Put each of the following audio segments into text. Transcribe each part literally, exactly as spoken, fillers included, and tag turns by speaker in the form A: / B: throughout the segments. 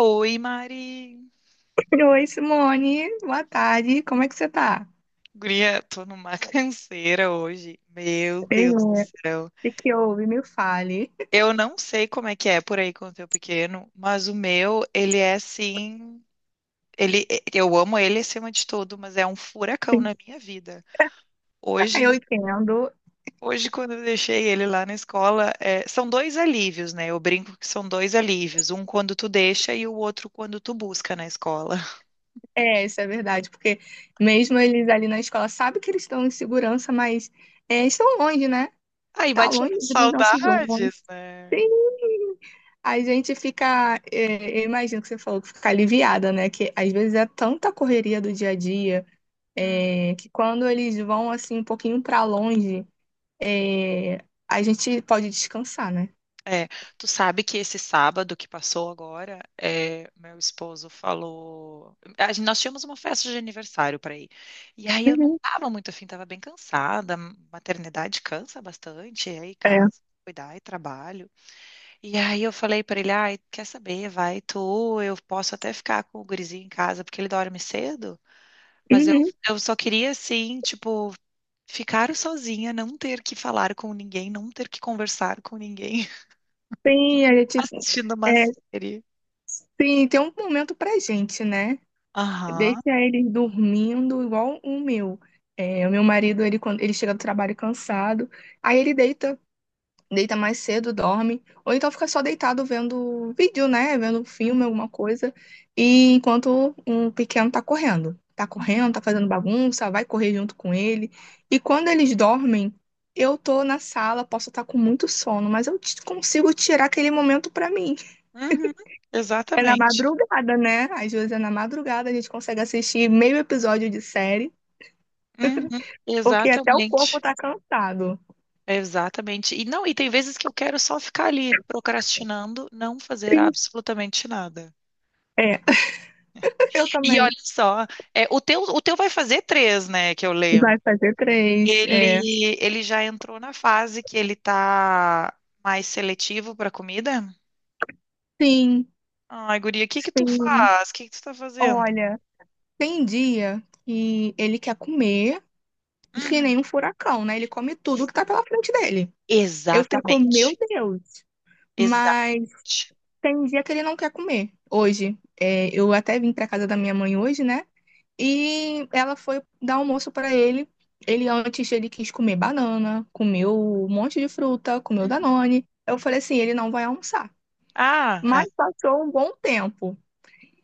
A: Oi, Mari.
B: Oi, Simone. Boa tarde. Como é que você tá?
A: Guria, tô numa canseira hoje. Meu
B: Bem,
A: Deus do
B: né? O
A: céu.
B: que que houve? Me fale.
A: Eu não sei como é que é por aí com o teu pequeno, mas o meu, ele é assim. Ele, eu amo ele acima de tudo, mas é um furacão na minha vida.
B: Eu
A: Hoje,
B: entendo.
A: hoje quando eu deixei ele lá na escola, é, são dois alívios, né? Eu brinco que são dois alívios, um quando tu deixa e o outro quando tu busca na escola.
B: É, isso é verdade, porque mesmo eles ali na escola sabem que eles estão em segurança, mas é, estão longe, né?
A: Aí
B: Tá
A: bate
B: longe
A: umas
B: dos nossos homens.
A: saudades, né?
B: Sim. A gente fica, é, eu imagino que você falou que fica aliviada, né? Que às vezes é tanta correria do dia a dia, é, que quando eles vão assim um pouquinho pra longe, é, a gente pode descansar, né?
A: É, tu sabe que esse sábado que passou agora, é, meu esposo falou. A gente- nós tínhamos uma festa de aniversário para ir. E aí eu não
B: Uhum.
A: tava muito afim, tava bem cansada. Maternidade cansa bastante, é, e aí casa, cuidar e trabalho. E aí eu falei para ele: ai, quer saber? Vai tu, eu posso até ficar com o gurizinho em casa, porque ele dorme cedo. Mas eu,
B: Uhum.
A: eu só queria, assim, tipo, ficar sozinha, não ter que falar com ninguém, não ter que conversar com ninguém
B: Sim, a gente,
A: assistindo uma
B: é,
A: série.
B: sim, tem um momento pra gente, né?
A: Aham.
B: Deixa eles dormindo igual o meu. É, o meu marido, ele, quando ele chega do trabalho cansado, aí ele deita, deita mais cedo, dorme, ou então fica só deitado vendo vídeo, né? Vendo filme, alguma coisa, e enquanto o pequeno tá correndo. Tá
A: Uhum.
B: correndo, tá fazendo bagunça, vai correr junto com ele. E quando eles dormem, eu tô na sala, posso estar com muito sono, mas eu t- consigo tirar aquele momento pra mim.
A: Uhum.
B: É na
A: Exatamente.
B: madrugada, né? Às vezes é na madrugada, a gente consegue assistir meio episódio de série,
A: Uhum.
B: porque até o corpo
A: Exatamente.
B: tá cansado.
A: Exatamente. E não, e tem vezes que eu quero só ficar ali procrastinando, não fazer
B: Triste.
A: absolutamente nada.
B: É, eu
A: E
B: também.
A: olha só, é, o teu, o teu vai fazer três, né, que eu lembro.
B: Vai fazer três, é.
A: Ele, ele já entrou na fase que ele tá mais seletivo para comida?
B: Sim,
A: Ai, guria, o que que tu
B: sim.
A: faz? O que que tu tá fazendo?
B: Olha, tem dia que ele quer comer e que
A: Uhum.
B: nem um furacão, né? Ele come tudo que tá pela frente dele. Eu fico, meu
A: Exatamente.
B: Deus. Mas
A: Exatamente.
B: tem dia que ele não quer comer. Hoje, é, eu até vim pra casa da minha mãe hoje, né? E ela foi dar almoço para ele. Ele antes ele quis comer banana, comeu um monte de fruta, comeu Danone. Eu falei assim, ele não vai almoçar.
A: Ah, é.
B: Mas passou um bom tempo.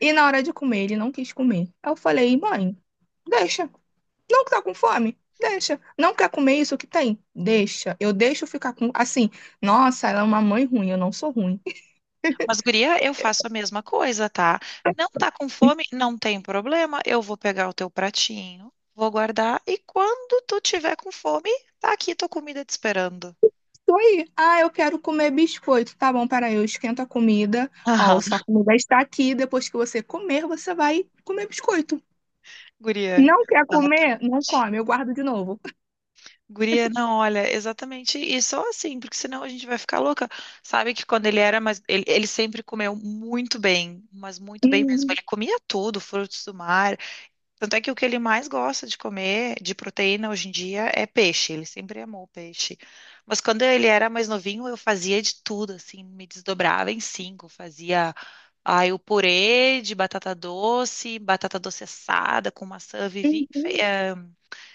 B: E na hora de comer, ele não quis comer. Aí eu falei, mãe, deixa. Não que tá com fome? Deixa. Não quer comer isso que tem? Deixa. Eu deixo ficar com. Assim, nossa, ela é uma mãe ruim, eu não sou ruim.
A: Mas, guria, eu faço a mesma coisa, tá? Não tá com fome? Não tem problema. Eu vou pegar o teu pratinho, vou guardar e quando tu tiver com fome, tá aqui tua comida te esperando.
B: Tô aí. Ah, eu quero comer biscoito. Tá bom, peraí, eu esquento a comida. Ó,
A: Aham.
B: sua comida está aqui. Depois que você comer, você vai comer biscoito.
A: Guria,
B: Não quer
A: exatamente.
B: comer? Não come, eu guardo de novo.
A: Guria, não, olha, exatamente isso só assim, porque senão a gente vai ficar louca. Sabe que quando ele era, mas ele, ele sempre comeu muito bem, mas muito bem mesmo.
B: Uhum,
A: Ele comia tudo, frutos do mar. Tanto é que o que ele mais gosta de comer de proteína hoje em dia é peixe. Ele sempre amou peixe. Mas quando ele era mais novinho, eu fazia de tudo, assim, me desdobrava em cinco. Fazia, aí o purê de batata doce, batata doce assada com maçã, vivia enfe-
B: uhum.
A: eh,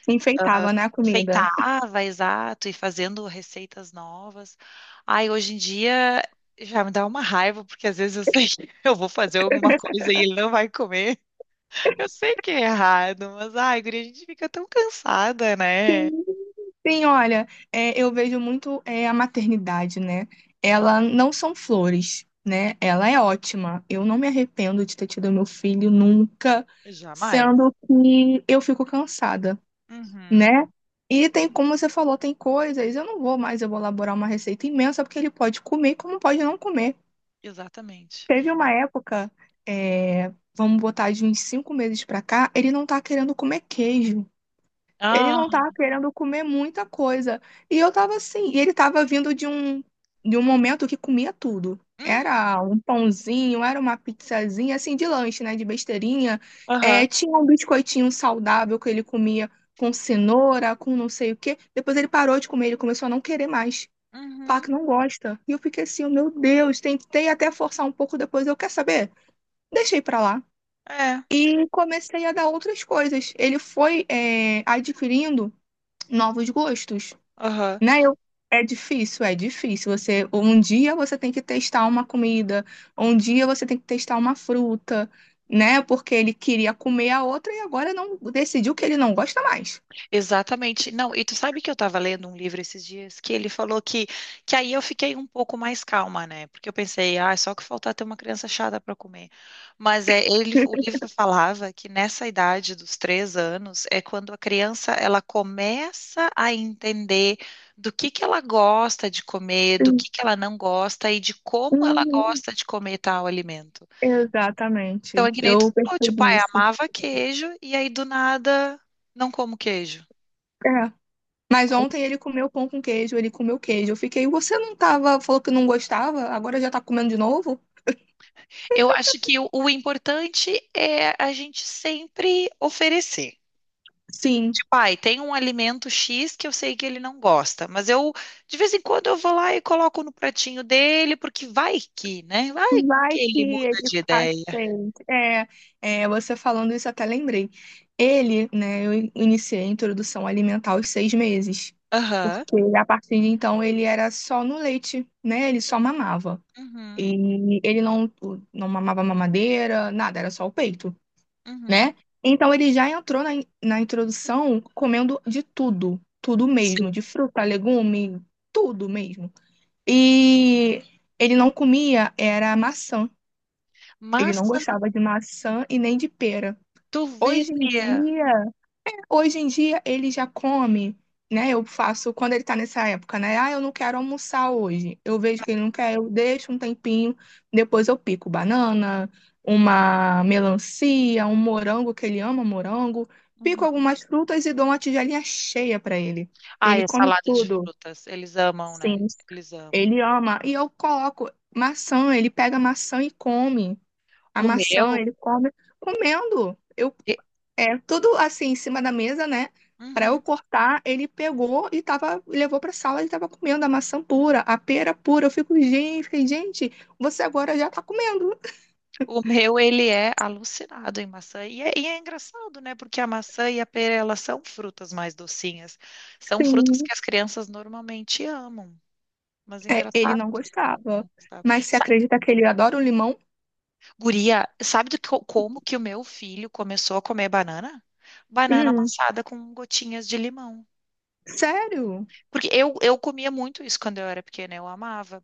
B: Enfeitava, né, a comida.
A: enfeitava, exato, e fazendo receitas novas. Ai hoje em dia já me dá uma raiva, porque às vezes eu sei que eu vou fazer alguma coisa e ele não vai comer. Eu sei que é errado, mas ai, guria, a gente fica tão cansada, né?
B: Sim, olha, é, eu vejo muito é, a maternidade, né? Ela não são flores, né? Ela é ótima. Eu não me arrependo de ter tido meu filho nunca,
A: Jamais.
B: sendo que eu fico cansada.
A: Uhum,
B: Né? E tem, como você falou, tem coisas, eu não vou mais elaborar uma receita imensa, porque ele pode comer, como pode não comer.
A: exatamente.
B: Teve uma época, é, vamos botar de uns cinco meses pra cá, ele não tá querendo comer queijo. Ele
A: Ah,
B: não tava querendo comer muita coisa. E eu tava assim, e ele tava vindo de um de um momento que comia tudo.
A: uhum,
B: Era um pãozinho, era uma pizzazinha, assim, de lanche, né? De besteirinha.
A: aham,
B: É, tinha um biscoitinho saudável que ele comia com cenoura, com não sei o quê. Depois ele parou de comer, ele começou a não querer mais. Falar
A: uhum,
B: que não gosta. E eu fiquei assim, oh, meu Deus, tentei até forçar um pouco depois. Eu quer saber? Deixei pra lá.
A: é,
B: E comecei a dar outras coisas. Ele foi, é, adquirindo novos gostos,
A: aham.
B: né? Eu, é difícil, é difícil. Você, um dia você tem que testar uma comida, um dia você tem que testar uma fruta, né? Porque ele queria comer a outra e agora não decidiu que ele não gosta mais.
A: Exatamente. Não, e tu sabe que eu estava lendo um livro esses dias que ele falou que, que aí eu fiquei um pouco mais calma, né? Porque eu pensei, ah, é só que faltar ter uma criança chata para comer. Mas é, ele, o livro falava que nessa idade dos três anos é quando a criança ela começa a entender do que que ela gosta de comer, do
B: Sim.
A: que que ela não gosta e de como ela
B: Uhum.
A: gosta de comer tal alimento. Então, é
B: Exatamente.
A: que nem tu
B: Eu
A: falou, tipo,
B: percebi
A: ah, eu
B: isso.
A: amava queijo e aí do nada não como queijo.
B: É. Mas ontem ele comeu pão com queijo, ele comeu queijo. Eu fiquei, você não tava, falou que não gostava, agora já tá comendo de novo?
A: Eu acho que o, o importante é a gente sempre oferecer.
B: Sim.
A: Tipo, ai, tem um alimento X que eu sei que ele não gosta, mas eu, de vez em quando, eu vou lá e coloco no pratinho dele, porque vai que, né? Vai que
B: Vai que
A: ele muda
B: ele
A: de ideia.
B: aceita. É, é, você falando isso, eu até lembrei. Ele, né, eu in- iniciei a introdução alimentar aos seis meses,
A: Aham.
B: porque a partir de então ele era só no leite, né? Ele só mamava.
A: Uhum.
B: E ele não, não mamava mamadeira, nada, era só o peito,
A: Uhum.
B: né? Então ele já entrou na, in- na introdução comendo de tudo, tudo
A: Sim.
B: mesmo, de fruta, legume, tudo mesmo. E ele não comia, era maçã. Ele não
A: Massa
B: gostava de maçã e nem de pera.
A: de
B: Hoje em
A: ovelha.
B: dia, hoje em dia ele já come, né? Eu faço quando ele tá nessa época, né? Ah, eu não quero almoçar hoje. Eu vejo que ele não quer, eu deixo um tempinho, depois eu pico banana, uma melancia, um morango que ele ama morango, pico
A: Uhum.
B: algumas frutas e dou uma tigelinha cheia pra ele.
A: Ai,
B: Ele
A: a
B: come
A: salada de
B: tudo.
A: frutas. Eles amam,
B: Sim.
A: né? Eles amam.
B: Ele ama e eu coloco maçã, ele pega maçã e come. A
A: O
B: maçã,
A: meu.
B: ele come comendo. Eu,
A: e-
B: é tudo assim em cima da mesa, né? Para eu
A: Uhum.
B: cortar, ele pegou e tava, levou para sala e tava comendo a maçã pura, a pera pura. Eu fico, gente, fiquei, gente, você agora já tá comendo.
A: O meu, ele é alucinado em maçã. E é, e é engraçado, né? Porque a maçã e a pera, elas são frutas mais docinhas. São frutas
B: Sim.
A: que as crianças normalmente amam. Mas é
B: É, ele
A: engraçado
B: não
A: que não,
B: gostava.
A: não gostava.
B: Mas você
A: Sa-
B: acredita que ele adora o limão?
A: Guria, sabe do que, eu- como que o meu filho começou a comer banana? Banana
B: Hum,
A: amassada com gotinhas de limão.
B: sério?
A: Porque eu, eu comia muito isso quando eu era pequena, eu amava.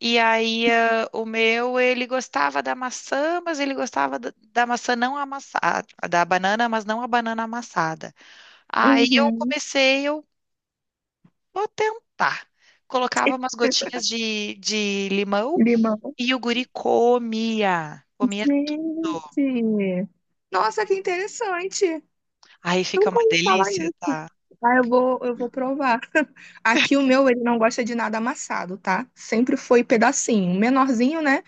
A: E aí, ah, o meu, ele gostava da maçã, mas ele gostava da, da, maçã não amassada, da banana, mas não a banana amassada. Aí eu
B: Uhum.
A: comecei, eu vou tentar. Colocava umas gotinhas de, de limão
B: Limão.
A: e o guri comia, comia tudo.
B: Gente. Nossa, que interessante.
A: Aí fica
B: Nunca
A: uma
B: ouvi falar
A: delícia,
B: isso.
A: tá?
B: Ah, eu
A: Fica-
B: vou, eu vou provar. Aqui o meu, ele não gosta de nada amassado, tá? Sempre foi pedacinho. Menorzinho, né?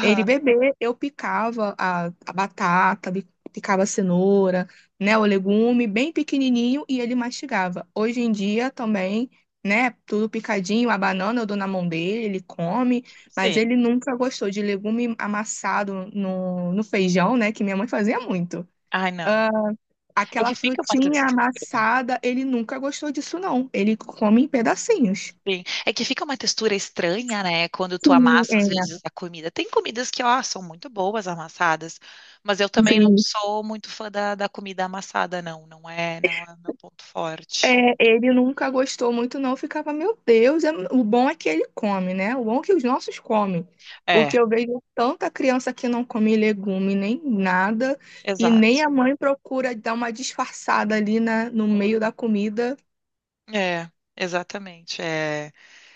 B: Ele bebê, eu picava a, a batata, bi- picava a cenoura, né? O legume, bem pequenininho, e ele mastigava. Hoje em dia também, né? Tudo picadinho, a banana eu dou na mão dele, ele come, mas
A: Sim.
B: ele nunca gostou de legume amassado no, no feijão, né? Que minha mãe fazia muito.
A: Ai, não.
B: Ah,
A: É
B: aquela
A: que fica uma
B: frutinha
A: textura.
B: amassada, ele nunca gostou disso, não. Ele come em pedacinhos.
A: Sim. É que fica uma textura estranha, né? Quando tu
B: Sim,
A: amassa, às vezes,
B: é,
A: a comida. Tem comidas que, ó, são muito boas amassadas, mas eu também não
B: sim.
A: sou muito fã da, da, comida amassada, não. Não é, não é o meu ponto forte.
B: É, ele nunca gostou muito, não. Ficava, meu Deus, é- o bom é que ele come, né? O bom é que os nossos comem.
A: É,
B: Porque eu vejo tanta criança que não come legume nem nada, e nem
A: exato.
B: a mãe procura dar uma disfarçada ali na, no meio da comida.
A: É, exatamente. É,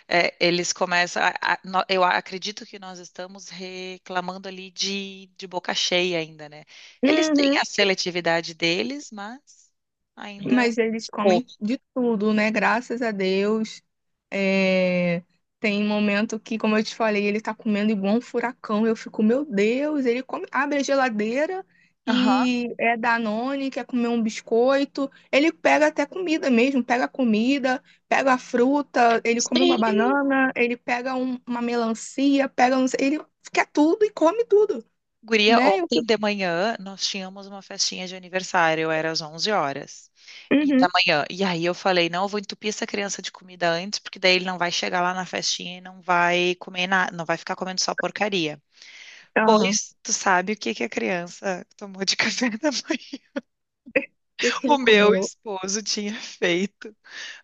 A: é, eles começam. A- a- no- eu acredito que nós estamos reclamando ali de, de boca cheia ainda, né? Eles têm
B: Uhum.
A: a seletividade deles, mas ainda.
B: Mas eles
A: Como?
B: comem de tudo, né? Graças a Deus. É, tem momento que, como eu te falei, ele tá comendo igual um furacão. Eu fico, meu Deus, ele come, abre a geladeira
A: Aham.
B: e é Danone, quer comer um biscoito. Ele pega até comida mesmo, pega comida, pega fruta, ele come uma
A: Sim.
B: banana, ele pega um- uma melancia, pega não sei, ele quer tudo e come tudo,
A: Guria,
B: né? Eu
A: ontem
B: fico,
A: de manhã nós tínhamos uma festinha de aniversário, era às onze horas e da
B: uhum,
A: manhã. E aí eu falei, não, eu vou entupir essa criança de comida antes, porque daí ele não vai chegar lá na festinha e não vai comer nada, não vai ficar comendo só porcaria.
B: aham.
A: Pois tu sabe o que que a criança tomou de café da manhã?
B: O que que
A: O
B: ele
A: meu
B: comeu?
A: esposo tinha feito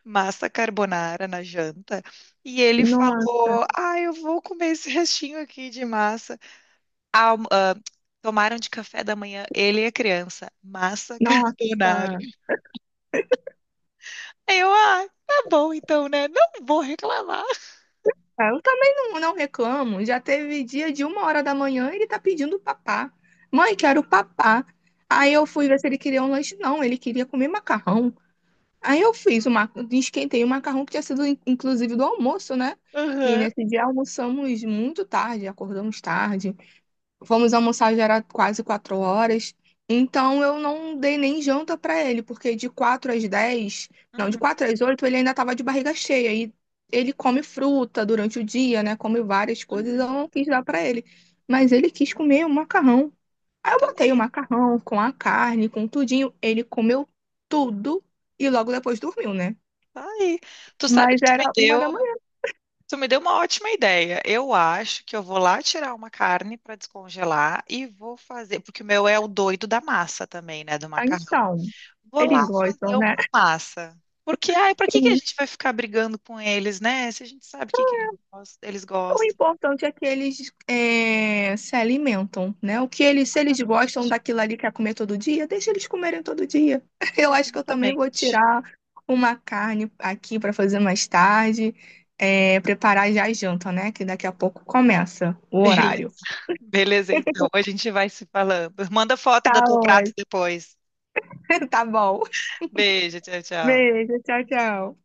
A: massa carbonara na janta e ele
B: No-
A: falou: "Ah, eu vou comer esse restinho aqui de massa". alm- ah, Tomaram de café da manhã, ele e a criança, massa carbonara.
B: Nossa.
A: Aí eu, ah, tá bom então, né? Não vou reclamar.
B: Ah, eu também não, não reclamo. Já teve dia de uma hora da manhã, ele tá pedindo papá. Mãe, quero papá. Aí
A: Uhum,
B: eu fui ver se ele queria um lanche. Não, ele queria comer macarrão. Aí eu fiz o ma... esquentei o macarrão que tinha sido in- inclusive do almoço, né? Que
A: aham,
B: nesse dia almoçamos muito tarde, acordamos tarde. Fomos almoçar, já era quase quatro horas. Então eu não dei nem janta pra ele, porque de quatro às dez, não, de
A: uhum,
B: quatro às oito ele ainda tava de barriga cheia. E ele come fruta durante o dia, né? Come várias coisas, eu
A: uhum.
B: não quis dar pra ele. Mas ele quis comer o macarrão. Aí eu
A: Tá
B: botei o
A: aí,
B: macarrão com a carne, com tudinho. Ele comeu tudo e logo depois dormiu, né?
A: tá aí. Tu sabe
B: Mas
A: que tu me
B: era uma
A: deu,
B: da manhã.
A: tu me deu uma ótima ideia. Eu acho que eu vou lá tirar uma carne para descongelar e vou fazer, porque o meu é o doido da massa também, né, do
B: Ah,
A: macarrão.
B: então,
A: Vou lá
B: eles gostam,
A: fazer
B: né?
A: uma massa. Porque, ai, pra que que a gente vai ficar brigando com eles, né? Se a gente sabe o que que ele gos- eles
B: O
A: gostam.
B: importante é que eles é, se alimentam, né? O que eles, se eles
A: Exatamente,
B: gostam daquilo ali que é comer todo dia, deixa eles comerem todo dia. Eu acho que eu também vou
A: exatamente.
B: tirar uma carne aqui para fazer mais tarde, é, preparar já a janta, né? Que daqui a pouco começa o
A: Beleza,
B: horário.
A: beleza, então. A gente vai se falando. Manda foto
B: Tá
A: do teu prato
B: ótimo.
A: depois.
B: Tá bom.
A: Beijo, tchau, tchau.
B: Beijo, tchau, tchau.